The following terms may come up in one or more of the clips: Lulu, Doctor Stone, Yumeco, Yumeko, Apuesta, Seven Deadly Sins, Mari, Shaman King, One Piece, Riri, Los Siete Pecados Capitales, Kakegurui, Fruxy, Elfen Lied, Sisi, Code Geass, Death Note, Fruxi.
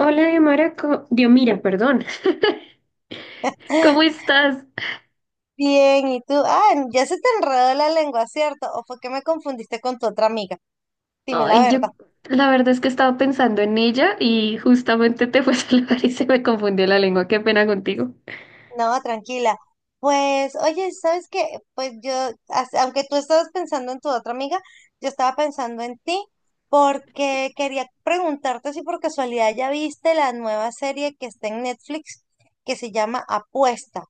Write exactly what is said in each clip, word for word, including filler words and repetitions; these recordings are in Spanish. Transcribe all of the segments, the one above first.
Hola, Diomara, co- Diomira, perdón. ¿Cómo estás? Bien, ¿y tú? Ah, ya se te enredó la lengua, ¿cierto? ¿O fue que me confundiste con tu otra amiga? Dime la Ay, yo verdad. la verdad es que estaba pensando en ella y justamente te fue a saludar y se me confundió la lengua. Qué pena contigo. No, tranquila. Pues, oye, ¿sabes qué? Pues yo, as- aunque tú estabas pensando en tu otra amiga, yo estaba pensando en ti porque quería preguntarte si por casualidad ya viste la nueva serie que está en Netflix que se llama Apuesta.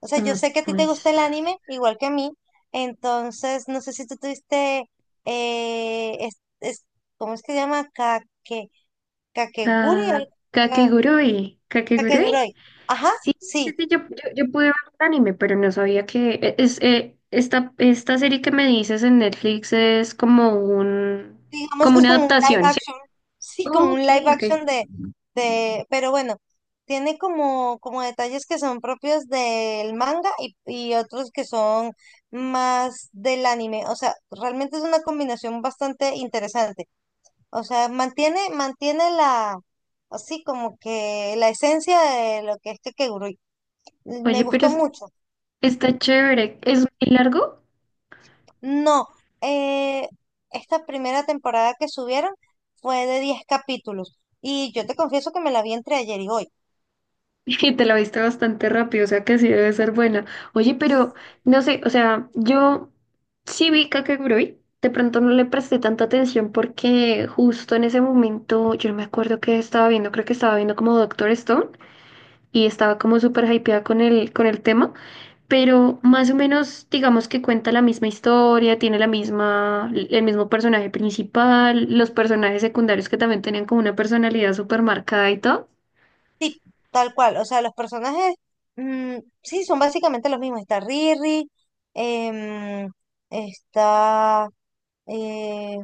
O sea, yo Ah, sé que a ti te pues gusta el está. anime, igual que a mí. Entonces, no sé si tú tuviste. eh, es- es- ¿Cómo es que se llama? Kake, Kakeguri, Ka- al- Ka- Kakegurui. ¿Kakegurui? Kakeguroi. Ajá, Sí, sí, sí. sí, yo, yo, yo pude ver el anime, pero no sabía que e- es eh, esta, esta serie que me dices en Netflix es como un Digamos como que es una como un live adaptación, ¿sí? action. Sí, como un Ok, live ok. action de, de, pero bueno, tiene como, como detalles que son propios del manga y, y otros que son más del anime. O sea, realmente es una combinación bastante interesante. O sea, mantiene, mantiene la, así como que la esencia de lo que es Kakegurui. Me Oye, pero gustó es- mucho. está chévere. ¿Es muy largo? No, eh, esta primera temporada que subieron fue de diez capítulos. Y yo te confieso que me la vi entre ayer y hoy, Y te la viste bastante rápido, o sea que sí debe ser buena. Oye, pero no sé, o sea, yo sí vi Kakegurui, de pronto no le presté tanta atención porque justo en ese momento, yo no me acuerdo qué estaba viendo, creo que estaba viendo como Doctor Stone y estaba como súper hypeada con el, con el tema, pero más o menos digamos que cuenta la misma historia, tiene la misma, el mismo personaje principal, los personajes secundarios que también tenían como una personalidad súper marcada y todo. tal cual. O sea, los personajes, mm, sí, son básicamente los mismos. Está Riri, em, está, eh,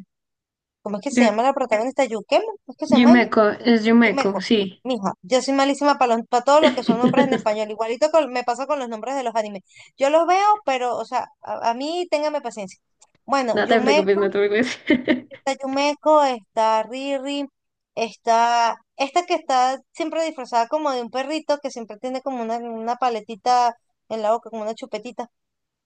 ¿cómo es que se llama la protagonista? Yukemo, ¿cómo es que se llama ella? Yumeco, es sí me Yumeco, co- sí. Mija, yo soy malísima para para todo lo que son nombres en español. Igualito con- me pasa con los nombres de los animes. Yo los veo, pero, o sea, a, a mí téngame paciencia. Bueno, No te preocupes, Yumeko, no te preocupes. está Yumeko, está Riri, está esta que está siempre disfrazada como de un perrito, que siempre tiene como una, una paletita en la boca, como una chupetita.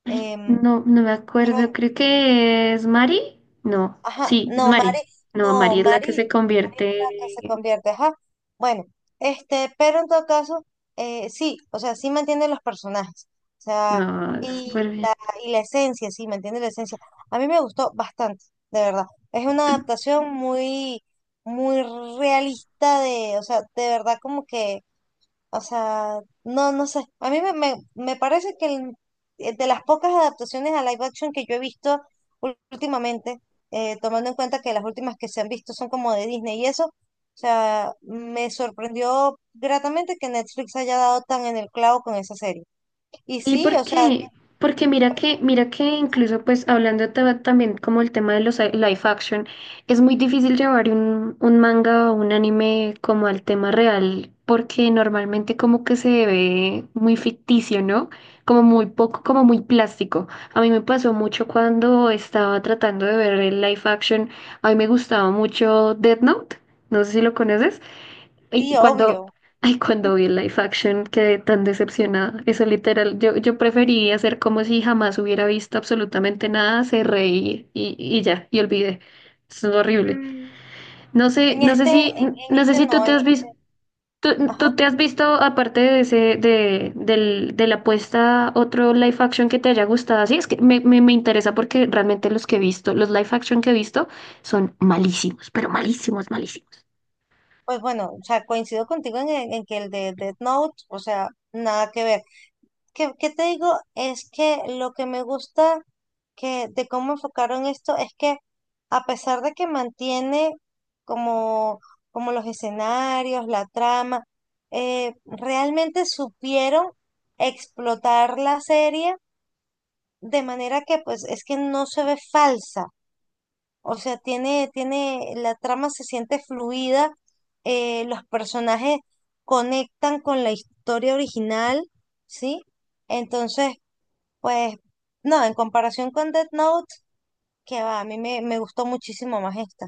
em, No, no me acuerdo, creo que es Mari. No, Ajá, sí, es no, Mari, Mari. No, no, Mari es la que Mari, se Mari es la que se convierte. convierte, ajá. Bueno, este, pero en todo caso, eh, sí, o sea, sí mantiene los personajes, o sea, No, y súper bien. la, y la esencia, sí, mantiene la esencia. A mí me gustó bastante, de verdad. Es una adaptación muy, muy realista de, o sea, de verdad como que o sea, no, no sé. A mí me, me, me parece que el- eh, de las pocas adaptaciones a live action que yo he visto ul- últimamente, eh, tomando en cuenta que las últimas que se han visto son como de Disney y eso, o sea, me sorprendió gratamente que Netflix haya dado tan en el clavo con esa serie. Y Y sí, o sea, porque, porque mira que, mira que incluso pues hablando ta- también como el tema de los a- live action, es muy difícil llevar un, un manga o un anime como al tema real, porque normalmente como que se ve muy ficticio, ¿no? Como muy poco, como muy plástico. A mí me pasó mucho cuando estaba tratando de ver el live action, a mí me gustaba mucho Death Note, no sé si lo conoces. sí, Y cuando, obvio. ay, cuando vi el live action quedé tan decepcionada. Eso literal, yo, yo preferiría hacer como si jamás hubiera visto absolutamente nada, se reí y, y ya, y olvidé. Es horrible. Mm, No sé, En no sé este, en, si, en no sé este si tú no, te en, has visto, tú, ajá, tú te has visto, aparte de ese, de, del, de la apuesta, otro live action que te haya gustado. Sí, es que me, me, me interesa porque realmente los que he visto, los live action que he visto son malísimos, pero malísimos, malísimos. pues bueno, o sea, coincido contigo en, en en que el de Death Note, o sea, nada que ver. ¿Qué, qué te digo? Es que lo que me gusta que, de cómo enfocaron esto es que a pesar de que mantiene como, como los escenarios, la trama, eh, realmente supieron explotar la serie de manera que pues es que no se ve falsa. O sea, tiene, tiene, la trama se siente fluida, eh, los personajes conectan con la historia original, ¿sí? Entonces, pues no, en comparación con Death Note, que va, a mí me, me gustó muchísimo más esta.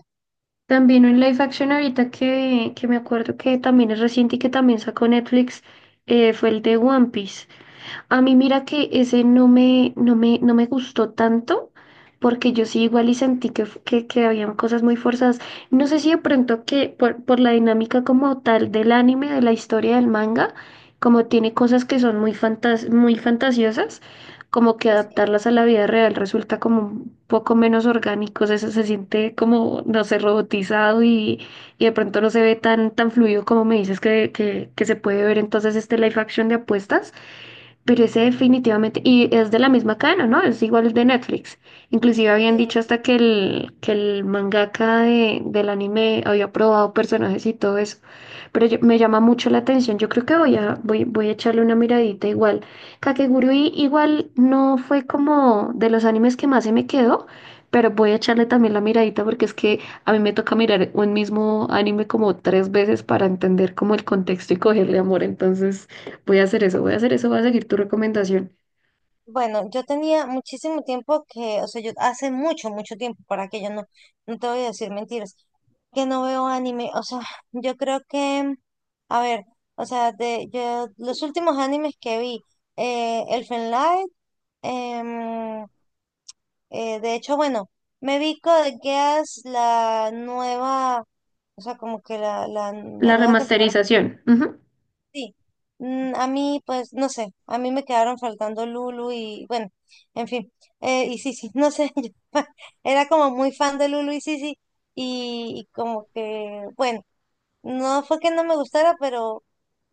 También un live action ahorita que, que me acuerdo que también es reciente y que también sacó Netflix eh, fue el de One Piece. A mí mira que ese no me, no me, no me gustó tanto, porque yo sí igual y sentí que, f- que, que habían cosas muy forzadas. No sé si de pronto que por, por la dinámica como tal del anime, de la historia del manga, como tiene cosas que son muy fantas- muy fantasiosas, como que Sí, sí. adaptarlas a la vida real resulta como un poco menos orgánico, eso se, se siente como, no sé, robotizado y, y de pronto no se ve tan, tan fluido como me dices que, que, que se puede ver entonces este live action de apuestas. Pero ese definitivamente, y es de la misma cadena, ¿no? Es igual de Netflix. Inclusive Sí. habían dicho hasta que el, que el mangaka de, del anime había probado personajes y todo eso. Pero yo- me llama mucho la atención. Yo creo que voy a, voy, voy a echarle una miradita igual. Kakegurui igual no fue como de los animes que más se me quedó, pero voy a echarle también la miradita porque es que a mí me toca mirar un mismo anime como tres veces para entender como el contexto y cogerle amor. Entonces, voy a hacer eso, voy a hacer eso, voy a seguir tu recomendación. Bueno, yo tenía muchísimo tiempo que, o sea, yo hace mucho, mucho tiempo, para que yo no, no te voy a decir mentiras, que no veo anime. O sea, yo creo que, a ver, o sea, de yo, los últimos animes que vi, eh, Elfen Lied, em, eh, de hecho, bueno, me vi Code Geass, la nueva, o sea, como que la, la la La nueva temporada. remasterización. Ujú. Sí, Mm, a mí, pues, no sé, a mí me quedaron faltando Lulu y, bueno, en fin, eh, y Sisi, no sé, yo era como muy fan de Lulu y Sisi y, y como que, bueno, no fue que no me gustara, pero,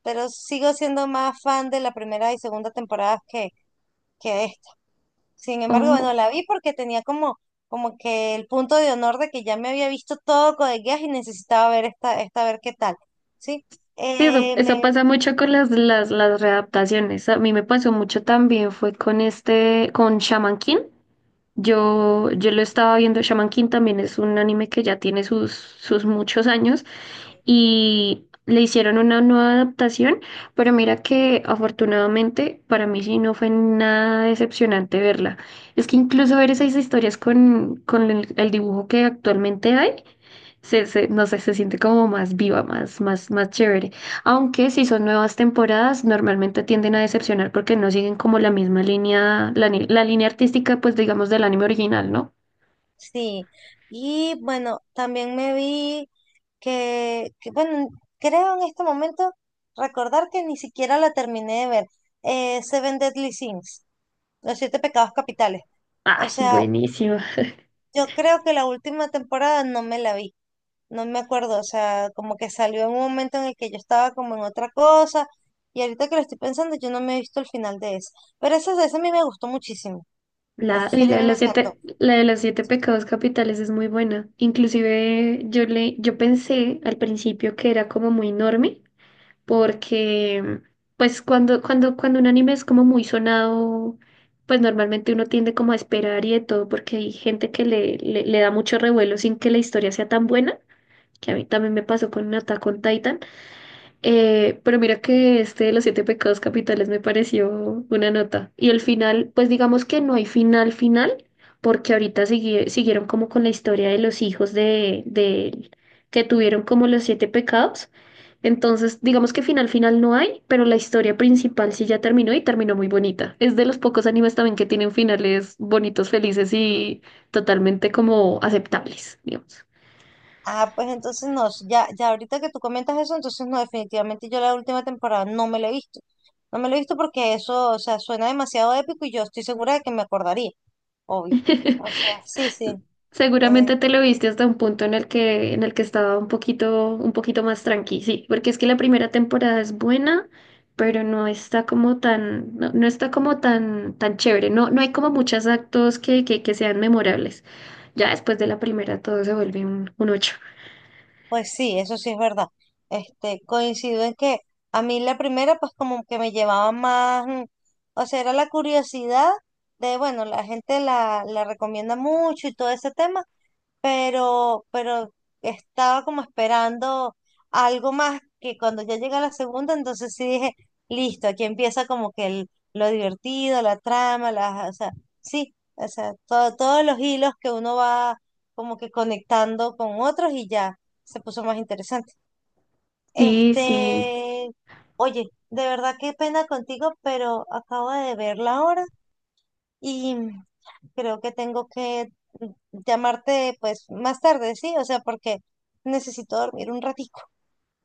pero sigo siendo más fan de la primera y segunda temporada que, que esta. Sin embargo, bueno, Oh, la vi porque tenía como, como que el punto de honor de que ya me había visto todo Code Geass y necesitaba ver esta, esta, a ver qué tal, ¿sí? sí, eso, Eh, eso me pasa mucho con las, las, las readaptaciones. A mí me pasó mucho también, fue con este, con Shaman King. Yo, yo lo estaba viendo, Shaman King también es un anime que ya tiene sus, sus muchos años y le hicieron una nueva adaptación, pero mira que afortunadamente para mí sí no fue nada decepcionante verla. Es que incluso ver esas historias con, con el, el dibujo que actualmente hay, se, se- no sé, se siente como más viva, más, más, más chévere. Aunque si son nuevas temporadas, normalmente tienden a decepcionar porque no siguen como la misma línea, la, ni- la línea artística, pues digamos, del anime original, ¿no? Sí, y bueno, también me vi que, que, bueno, creo en este momento recordar que ni siquiera la terminé de ver, eh, Seven Deadly Sins, Los Siete Pecados Capitales. O Ay, sea, buenísima. yo creo que la última temporada no me la vi, no me acuerdo, o sea, como que salió en un momento en el que yo estaba como en otra cosa, y ahorita que lo estoy pensando, yo no me he visto el final de esa. Pero esa, esa a mí me gustó muchísimo, La, esa y serie la a de mí me los encantó. siete, la de los siete pecados capitales es muy buena. Inclusive yo le, yo pensé al principio que era como muy enorme porque pues cuando, cuando, cuando un anime es como muy sonado, pues normalmente uno tiende como a esperar y de todo, porque hay gente que le, le, le da mucho revuelo sin que la historia sea tan buena, que a mí también me pasó con Attack on Titan, eh, pero mira que este de los siete pecados capitales me pareció una nota, y el final, pues digamos que no hay final final, porque ahorita sigue- siguieron como con la historia de los hijos de, de que tuvieron como los siete pecados, entonces, digamos que final final no hay, pero la historia principal sí ya terminó y terminó muy bonita. Es de los pocos animes también que tienen finales bonitos, felices y totalmente como aceptables, digamos. Ah, pues entonces no, ya, ya ahorita que tú comentas eso, entonces no, definitivamente yo la última temporada no me la he visto. No me la he visto porque eso, o sea, suena demasiado épico y yo estoy segura de que me acordaría, obvio. O sea, sí, sí, eh, Seguramente te lo viste hasta un punto en el que, en el que estaba un poquito, un poquito más tranqui, sí, porque es que la primera temporada es buena, pero no está como tan, no, no está como tan, tan chévere. No, no hay como muchos actos que, que, que sean memorables. Ya después de la primera todo se vuelve un, un ocho. pues sí, eso sí es verdad. Este, coincido en que a mí la primera, pues como que me llevaba más, mm, o sea, era la curiosidad de, bueno, la gente la, la recomienda mucho y todo ese tema. pero, pero estaba como esperando algo más que cuando ya llega la segunda, entonces sí dije, listo, aquí empieza como que el, lo divertido, la trama, las, o sea, sí, o sea, todo, todos los hilos que uno va como que conectando con otros y ya se puso más interesante. Sí, sí. Este, oye, de verdad qué pena contigo, pero acabo de ver la hora y creo que tengo que llamarte pues más tarde, ¿sí? O sea, porque necesito dormir un ratico.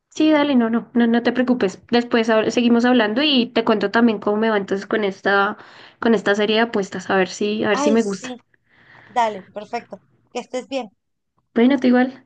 Sí, dale, no, no, no, no te preocupes. Después hab- seguimos hablando y te cuento también cómo me va entonces con esta, con esta serie de apuestas, a ver si, a ver si Ay, me gusta. sí, dale, perfecto. Que estés bien. Bueno, tú igual.